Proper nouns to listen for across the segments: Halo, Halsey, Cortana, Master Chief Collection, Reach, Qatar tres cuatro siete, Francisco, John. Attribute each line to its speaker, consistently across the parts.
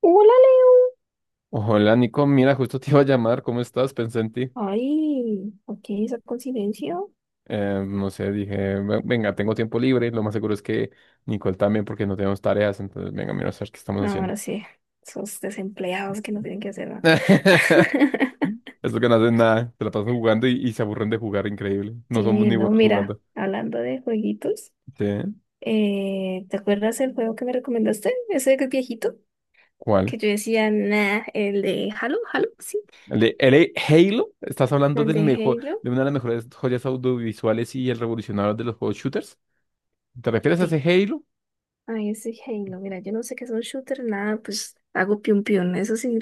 Speaker 1: Hola, Leo.
Speaker 2: Hola Nico, mira, justo te iba a llamar, ¿cómo estás? Pensé en ti.
Speaker 1: Ay, ok, esa coincidencia.
Speaker 2: No sé, dije, Venga, tengo tiempo libre, lo más seguro es que Nicole también porque no tenemos tareas, entonces venga, mira, a ver qué estamos
Speaker 1: Ah,
Speaker 2: haciendo.
Speaker 1: ahora sí, esos desempleados que no tienen que hacer nada.
Speaker 2: Esto que no hacen nada, se la pasan jugando y se aburren de jugar, increíble. No somos
Speaker 1: Sí,
Speaker 2: ni
Speaker 1: no,
Speaker 2: buenos
Speaker 1: mira,
Speaker 2: jugando.
Speaker 1: hablando de jueguitos,
Speaker 2: ¿Sí?
Speaker 1: ¿te acuerdas el juego que me recomendaste? Ese que es viejito, que
Speaker 2: ¿Cuál?
Speaker 1: yo decía, nah, el de Halo, Halo, sí,
Speaker 2: ¿El de Halo? ¿Estás hablando
Speaker 1: el
Speaker 2: del
Speaker 1: de
Speaker 2: mejor,
Speaker 1: Halo.
Speaker 2: de una de las mejores joyas audiovisuales y el revolucionario de los juegos shooters? ¿Te refieres a ese
Speaker 1: Sí,
Speaker 2: Halo?
Speaker 1: ay, ese Halo, mira, yo no sé qué es un shooter, nada, pues hago piun piun, ¿eso sí?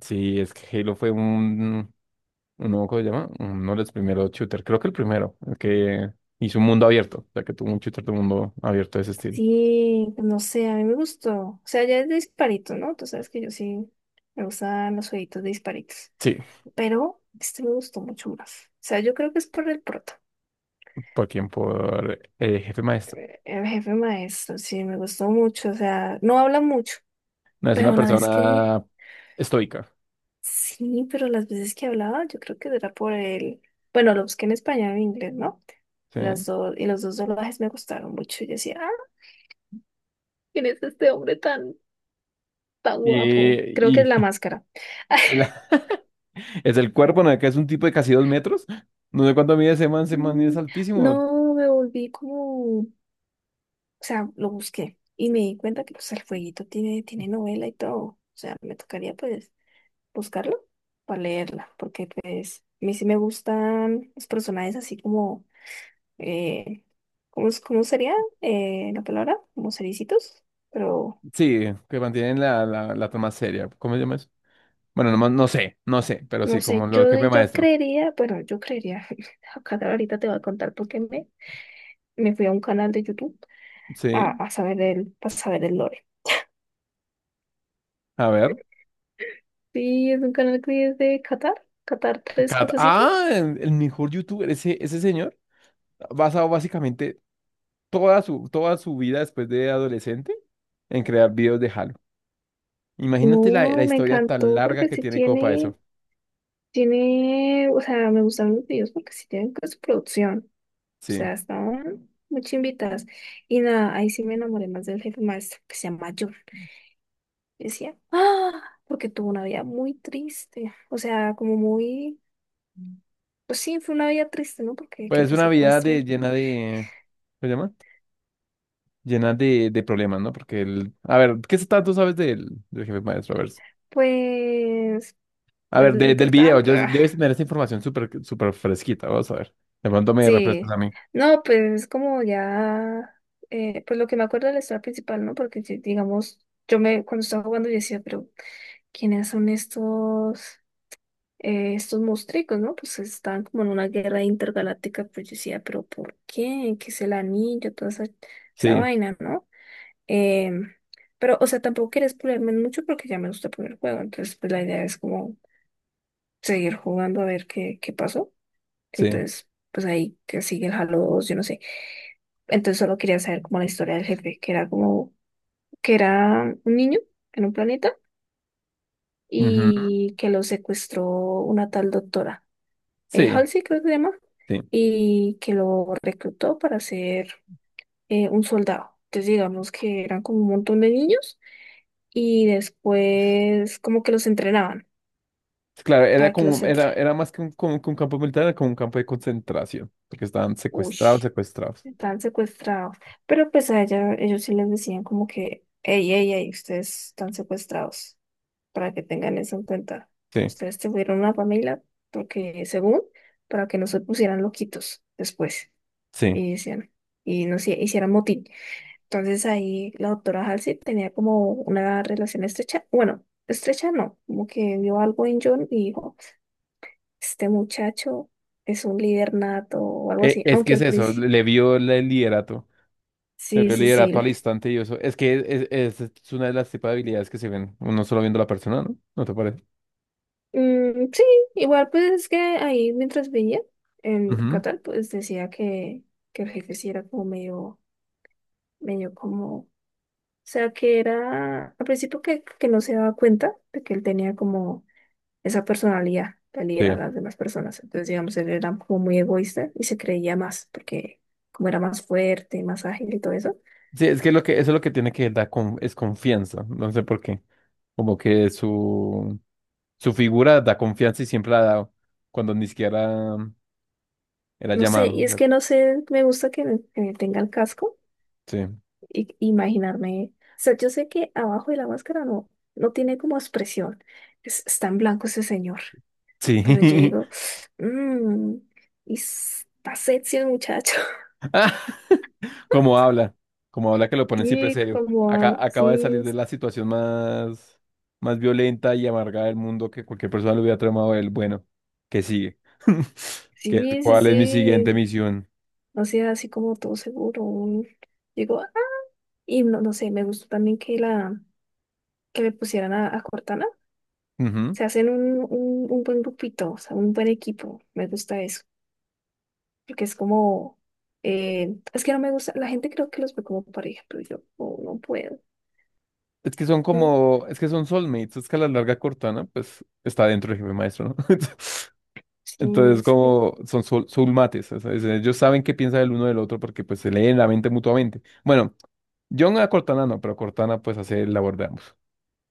Speaker 2: Sí, es que Halo fue un, no, me acuerdo, ¿cómo se llama? Uno de los primeros shooters, creo que el primero, el que hizo un mundo abierto, o sea, que tuvo un shooter de mundo abierto de ese estilo.
Speaker 1: Sí, pues, no sé, a mí me gustó. O sea, ya es de disparito, ¿no? Tú sabes que yo sí me gustan los jueguitos de disparitos.
Speaker 2: Sí,
Speaker 1: Pero este me gustó mucho más. O sea, yo creo que es por el prota.
Speaker 2: por quien, por el jefe maestro.
Speaker 1: El jefe maestro, sí, me gustó mucho. O sea, no habla mucho,
Speaker 2: No, es una
Speaker 1: pero la vez que...
Speaker 2: persona estoica,
Speaker 1: Sí, pero las veces que hablaba, yo creo que era por el... Bueno, lo busqué en español e inglés, ¿no?
Speaker 2: ¿sí?
Speaker 1: Las dos, y los dos doblajes me gustaron mucho. Yo decía, ah, ¿quién es este hombre tan, tan guapo? Creo que
Speaker 2: Y,
Speaker 1: es la
Speaker 2: y
Speaker 1: máscara.
Speaker 2: la- es el cuerpo, ¿no? Que es un tipo de casi 2 metros. No sé cuánto mide ese man es
Speaker 1: Mm,
Speaker 2: altísimo.
Speaker 1: no, me volví como, o sea, lo busqué y me di cuenta que pues el fueguito tiene, novela y todo. O sea, me tocaría pues buscarlo para leerla, porque pues a mí sí me gustan los personajes así como, eh, ¿cómo, cómo sería la palabra? Como cericitos, pero
Speaker 2: Sí, que mantienen la toma seria. ¿Cómo se llama eso? Bueno, no sé, pero
Speaker 1: no
Speaker 2: sí,
Speaker 1: sé,
Speaker 2: como el jefe
Speaker 1: yo
Speaker 2: maestro.
Speaker 1: creería, bueno, yo creería, acá ahorita te voy a contar porque me fui a un canal de YouTube
Speaker 2: Sí,
Speaker 1: a saber para saber el lore.
Speaker 2: a ver.
Speaker 1: Sí, es un canal que es de Qatar, Qatar tres cuatro siete.
Speaker 2: Ah, el mejor youtuber, ese señor, ha basado básicamente toda su vida después de adolescente en crear videos de Halo. Imagínate la
Speaker 1: No, me
Speaker 2: historia tan
Speaker 1: encantó
Speaker 2: larga
Speaker 1: porque
Speaker 2: que
Speaker 1: sí
Speaker 2: tiene como para
Speaker 1: tiene,
Speaker 2: eso.
Speaker 1: o sea, me gustan los videos porque sí tienen con su producción. O
Speaker 2: Sí.
Speaker 1: sea, estaban muy chimbitas. Y nada, ahí sí me enamoré más del jefe maestro que se llama John. Y decía, ah, porque tuvo una vida muy triste. O sea, como muy, pues sí, fue una vida triste, ¿no? Porque
Speaker 2: Pues
Speaker 1: que
Speaker 2: es
Speaker 1: te
Speaker 2: una vida de,
Speaker 1: secuestren,
Speaker 2: llena de, ¿qué se llama? Llena de problemas, ¿no? Porque el, a ver, ¿qué tanto sabes del jefe maestro?
Speaker 1: pues,
Speaker 2: A
Speaker 1: pues
Speaker 2: ver,
Speaker 1: lo
Speaker 2: del video,
Speaker 1: importante.
Speaker 2: yo, debes tener esa información súper fresquita, vamos a ver. De pronto me refrescas
Speaker 1: Sí,
Speaker 2: a mí.
Speaker 1: no, pues es como ya, pues lo que me acuerdo de la historia principal, ¿no? Porque digamos, cuando estaba jugando yo decía, pero ¿quiénes son estos, estos monstruos, ¿no? Pues estaban como en una guerra intergaláctica, pues yo decía, pero ¿por qué? ¿Qué es el anillo? Toda esa
Speaker 2: Sí,
Speaker 1: vaina, ¿no? Em, pero, o sea, tampoco quería explorarme mucho porque ya me gusta poner el juego, entonces pues la idea es como seguir jugando a ver qué, pasó.
Speaker 2: sí.
Speaker 1: Entonces, pues ahí que sigue el Halo 2 yo no sé. Entonces solo quería saber como la historia del jefe, que era como, que era un niño en un planeta
Speaker 2: Ujú.
Speaker 1: y que lo secuestró una tal doctora,
Speaker 2: Sí,
Speaker 1: Halsey creo que se llama,
Speaker 2: sí.
Speaker 1: y que lo reclutó para ser un soldado. Entonces digamos que eran como un montón de niños y después como que los entrenaban,
Speaker 2: Claro, era
Speaker 1: que los
Speaker 2: como, era,
Speaker 1: entrenaban.
Speaker 2: era más que un, como que un campo militar, era como un campo de concentración, porque estaban secuestrados, secuestrados.
Speaker 1: Estaban secuestrados. Pero pues a ellos sí les decían como que, hey, hey, hey, ustedes están secuestrados, para que tengan eso en cuenta.
Speaker 2: Sí,
Speaker 1: Ustedes tuvieron una familia, porque según, para que no se pusieran loquitos después,
Speaker 2: sí.
Speaker 1: y decían, y no se hicieran motín. Entonces ahí la doctora Halsey tenía como una relación estrecha, bueno, estrecha no, como que vio algo en John y dijo, este muchacho es un líder nato o algo así,
Speaker 2: Es que
Speaker 1: aunque
Speaker 2: es
Speaker 1: al
Speaker 2: eso, le
Speaker 1: principio,
Speaker 2: le vio el liderato, le
Speaker 1: sí,
Speaker 2: vio el
Speaker 1: sí,
Speaker 2: liderato
Speaker 1: sí.
Speaker 2: al instante y eso. Es que es una de las tipos de habilidades que se ven, uno solo viendo a la persona, ¿no? ¿No te parece?
Speaker 1: Mm, sí, igual pues es que ahí mientras veía en
Speaker 2: Ujú.
Speaker 1: Qatar pues decía que, el jefe sí era como medio, como, o sea que era al principio que, no se daba cuenta de que él tenía como esa personalidad de
Speaker 2: Sí.
Speaker 1: liderar a las demás personas, entonces digamos él era como muy egoísta y se creía más porque como era más fuerte, más ágil y todo eso,
Speaker 2: Sí, es que lo que, eso es lo que tiene que dar con, es confianza, no sé por qué. Como que su figura da confianza y siempre la ha dado, cuando ni siquiera era
Speaker 1: no sé,
Speaker 2: llamado.
Speaker 1: y
Speaker 2: O
Speaker 1: es
Speaker 2: sea,
Speaker 1: que no sé, me gusta que, tenga el casco
Speaker 2: sí.
Speaker 1: imaginarme. O sea, yo sé que abajo de la máscara no, no tiene como expresión. Está en blanco ese señor. Pero yo
Speaker 2: Sí.
Speaker 1: digo, mmm, y está sexy el muchacho.
Speaker 2: Ah, como habla, como habla que lo ponen siempre
Speaker 1: Sí,
Speaker 2: serio.
Speaker 1: como,
Speaker 2: Acá acaba de salir
Speaker 1: sí,
Speaker 2: de la situación más, más violenta y amarga del mundo que cualquier persona le hubiera tramado a él. Bueno, ¿qué sigue? ¿Qué,
Speaker 1: sí, sí,
Speaker 2: cuál es mi siguiente
Speaker 1: sí.
Speaker 2: misión?
Speaker 1: O sea, así como todo seguro. Digo, "Ah". Y no, no sé, me gustó también que que le pusieran a Cortana.
Speaker 2: Ujú.
Speaker 1: Se hacen un, buen grupito, o sea, un buen equipo. Me gusta eso. Porque es como, es que no me gusta, la gente creo que los ve como pareja, pero yo oh, no puedo,
Speaker 2: Es que son
Speaker 1: no,
Speaker 2: como, es que son soulmates, es que a la larga Cortana, pues, está dentro del jefe maestro, ¿no?
Speaker 1: sí,
Speaker 2: Entonces,
Speaker 1: es
Speaker 2: como son soulmates, o sea, ellos saben qué piensa el uno del otro porque, pues, se leen la mente mutuamente. Bueno, John a Cortana no, pero Cortana, pues, hace el labor de ambos.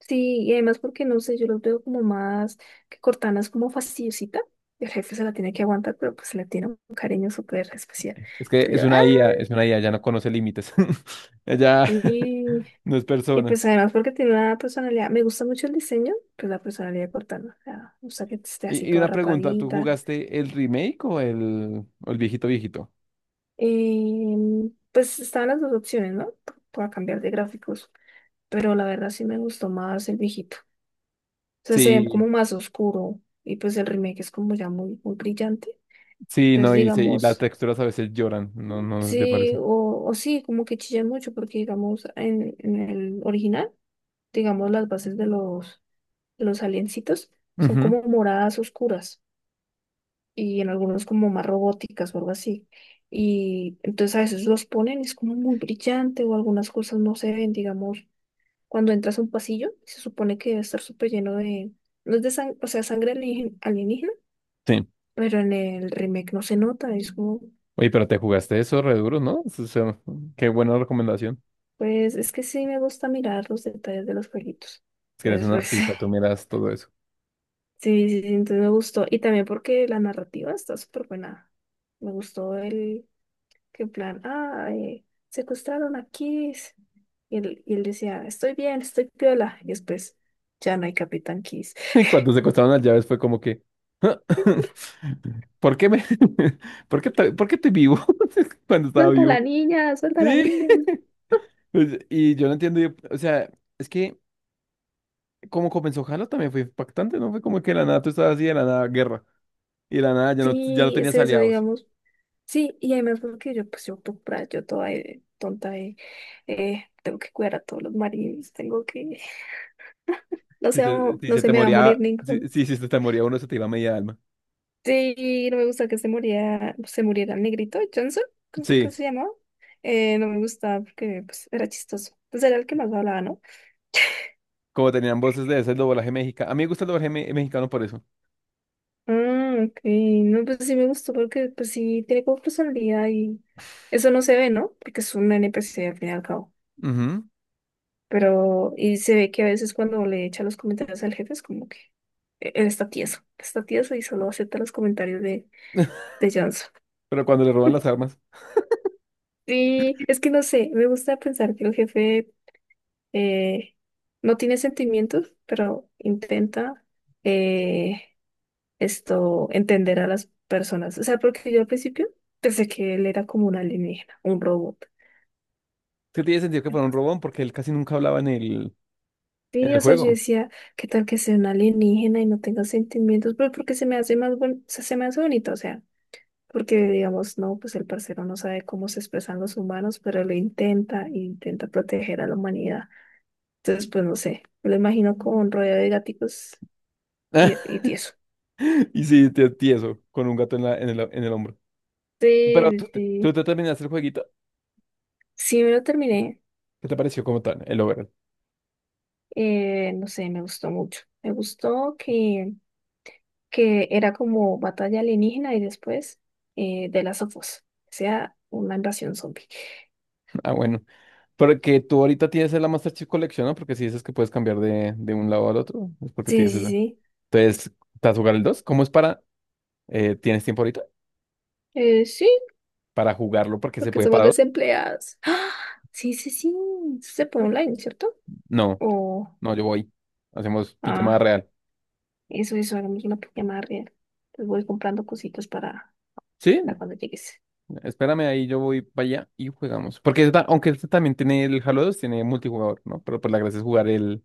Speaker 1: sí, y además porque no sé, yo los veo como más, que Cortana es como fastidiosita, y el jefe se la tiene que aguantar, pero pues se le tiene un cariño súper especial,
Speaker 2: Es que
Speaker 1: entonces
Speaker 2: es
Speaker 1: yo, ah,
Speaker 2: una IA, es una IA, ya no conoce límites. Ella
Speaker 1: sí,
Speaker 2: no es
Speaker 1: y
Speaker 2: persona.
Speaker 1: pues además porque tiene una personalidad, me gusta mucho el diseño, pues la personalidad de Cortana, o sea, me gusta que esté así
Speaker 2: Y
Speaker 1: toda
Speaker 2: una pregunta, ¿tú
Speaker 1: rapadita.
Speaker 2: jugaste el remake o o el viejito viejito?
Speaker 1: Pues estaban las dos opciones, ¿no? Para cambiar de gráficos. Pero la verdad sí me gustó más el viejito. O sea, se ve
Speaker 2: Sí,
Speaker 1: como más oscuro y pues el remake es como ya muy, muy brillante.
Speaker 2: sí,
Speaker 1: Entonces,
Speaker 2: no, y, y las
Speaker 1: digamos,
Speaker 2: texturas a veces lloran, no, no te
Speaker 1: sí,
Speaker 2: parece.
Speaker 1: o sí, como que chillan mucho porque, digamos, en, el original, digamos, las bases de los aliencitos son
Speaker 2: Ujú,
Speaker 1: como moradas oscuras y en algunos como más robóticas o algo así. Y entonces a veces los ponen, y es como muy brillante o algunas cosas no se ven, digamos. Cuando entras a un pasillo, se supone que debe estar súper lleno de, no es de sangre, o sea, sangre alienígena,
Speaker 2: sí.
Speaker 1: pero en el remake no se nota, es como,
Speaker 2: Oye, pero te jugaste eso re duro, ¿no? O sea, qué buena recomendación.
Speaker 1: pues es que sí me gusta mirar los detalles de los jueguitos.
Speaker 2: Si eres
Speaker 1: Entonces,
Speaker 2: un
Speaker 1: pues
Speaker 2: artista, tú miras todo eso.
Speaker 1: sí, sí, sí, entonces me gustó. Y también porque la narrativa está súper buena. Me gustó el que en plan, ah, secuestraron a Kiss. Y él, decía, estoy bien, estoy piola. Y después, ya no hay Capitán Kiss.
Speaker 2: Y cuando se costaron las llaves fue como que, ¿por qué me, por qué, por qué estoy vivo? Cuando estaba
Speaker 1: Suelta a la
Speaker 2: vivo.
Speaker 1: niña, suelta a la
Speaker 2: Sí.
Speaker 1: niña.
Speaker 2: Pues, y yo no entiendo, o sea, es que como comenzó Halo también fue impactante, ¿no? Fue como que de la nada tú estabas así, de la nada guerra, y de la nada ya no
Speaker 1: Sí, es
Speaker 2: tenías
Speaker 1: eso,
Speaker 2: aliados.
Speaker 1: digamos. Sí, y además porque yo, pues yo, por ahí, yo toda tonta, tengo que cuidar a todos los maridos, tengo que, no
Speaker 2: Si,
Speaker 1: se
Speaker 2: si
Speaker 1: no
Speaker 2: se
Speaker 1: se
Speaker 2: te
Speaker 1: me va a morir
Speaker 2: moría,
Speaker 1: ningún.
Speaker 2: si se te moría uno, se te iba media alma.
Speaker 1: Sí, no me gusta que se muriera el negrito Johnson, ¿cómo cómo
Speaker 2: Sí,
Speaker 1: se llamaba? No me gustaba porque, pues, era chistoso. Pues era el que más hablaba, ¿no?
Speaker 2: como tenían voces de ese doblaje mexicano. A mí me gusta el doblaje mexicano por eso.
Speaker 1: Ah, ok, no, pues sí me gustó porque, pues sí, tiene como personalidad y eso no se ve, ¿no? Porque es un NPC al fin y al cabo.
Speaker 2: Ujú.
Speaker 1: Pero, y se ve que a veces cuando le echa los comentarios al jefe es como que él está tieso y solo acepta los comentarios de, Johnson.
Speaker 2: Pero cuando le roban las armas,
Speaker 1: Y es que no sé, me gusta pensar que el jefe eh, no tiene sentimientos, pero intenta eh, esto, entender a las personas. O sea, porque yo al principio pensé que él era como un alienígena, un robot.
Speaker 2: sí tiene sentido que fuera un robón porque él casi nunca hablaba en en
Speaker 1: Sí,
Speaker 2: el
Speaker 1: o sea, yo
Speaker 2: juego.
Speaker 1: decía, ¿qué tal que sea una alienígena y no tenga sentimientos? Pues porque se me hace más se me hace bonito, o sea, porque digamos, no, pues el parcero no sabe cómo se expresan los humanos, pero lo intenta e intenta proteger a la humanidad. Entonces, pues no sé, me lo imagino como un rodeo de gaticos y tieso.
Speaker 2: Y sí, tieso, con un gato en, la, en el hombro. Pero
Speaker 1: Sí, sí,
Speaker 2: tú
Speaker 1: sí.
Speaker 2: te terminaste el jueguito.
Speaker 1: Sí, me lo terminé.
Speaker 2: ¿Qué te pareció como tal, el over?
Speaker 1: No sé, me gustó mucho. Me gustó que, era como batalla alienígena y después de las Us. O sea, una invasión zombie.
Speaker 2: Ah, bueno. Porque tú ahorita tienes la Master Chief Collection, ¿no? Porque si dices que puedes cambiar de un lado al otro, es porque
Speaker 1: Sí,
Speaker 2: tienes
Speaker 1: sí,
Speaker 2: esa.
Speaker 1: sí.
Speaker 2: Entonces, ¿estás jugar el 2? ¿Cómo es para...? Eh, ¿tienes tiempo ahorita
Speaker 1: Sí,
Speaker 2: para jugarlo? Porque se
Speaker 1: porque
Speaker 2: puede
Speaker 1: somos
Speaker 2: para dos.
Speaker 1: desempleadas. ¡Ah! Sí, sí, sí. Eso se puede online, ¿cierto?
Speaker 2: No,
Speaker 1: O,
Speaker 2: no, yo voy. Hacemos pijamada
Speaker 1: ah,
Speaker 2: real.
Speaker 1: eso, hagamos una llamada real. Pues voy comprando cositas para,
Speaker 2: Sí,
Speaker 1: cuando llegues.
Speaker 2: espérame ahí, yo voy para allá y jugamos. Porque aunque este también tiene el Halo 2, tiene multijugador, ¿no? Pero pues la gracia es jugar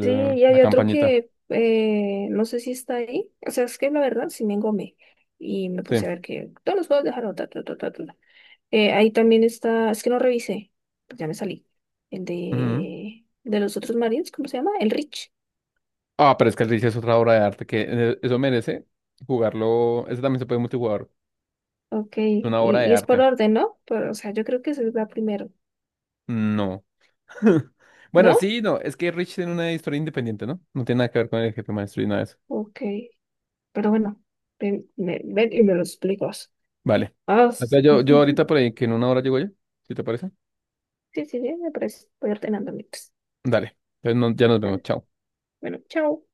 Speaker 1: Sí, y
Speaker 2: la
Speaker 1: hay otro
Speaker 2: campañita.
Speaker 1: que no sé si está ahí. O sea, es que la verdad sí me engomé. Y me
Speaker 2: Sí.
Speaker 1: puse a ver que todos los juegos dejaron. Ta, ta, ta, ta, ta. Ahí también está, es que no revisé, pues ya me salí. El
Speaker 2: Ujú.
Speaker 1: de, los otros marines, ¿cómo se llama? El Rich.
Speaker 2: Ah, pero es que el Reach es otra obra de arte que eso merece jugarlo. Ese también se puede multijugador,
Speaker 1: Ok,
Speaker 2: una obra de
Speaker 1: y es por
Speaker 2: arte.
Speaker 1: orden, ¿no? Pero, o sea, yo creo que se va primero,
Speaker 2: No. Bueno,
Speaker 1: ¿no?
Speaker 2: sí, no. Es que Rich tiene una historia independiente, ¿no? No tiene nada que ver con el jefe maestro y nada de eso.
Speaker 1: Ok, pero bueno, ven, ven y me lo explicas.
Speaker 2: Vale.
Speaker 1: Ah,
Speaker 2: Entonces, yo
Speaker 1: sí,
Speaker 2: ahorita por ahí, que en 1 hora llego yo, si te parece.
Speaker 1: sí, sí, me parece. Voy ordenando mientras.
Speaker 2: Dale. Entonces ya nos vemos.
Speaker 1: Dale.
Speaker 2: Chao.
Speaker 1: Bueno, chao.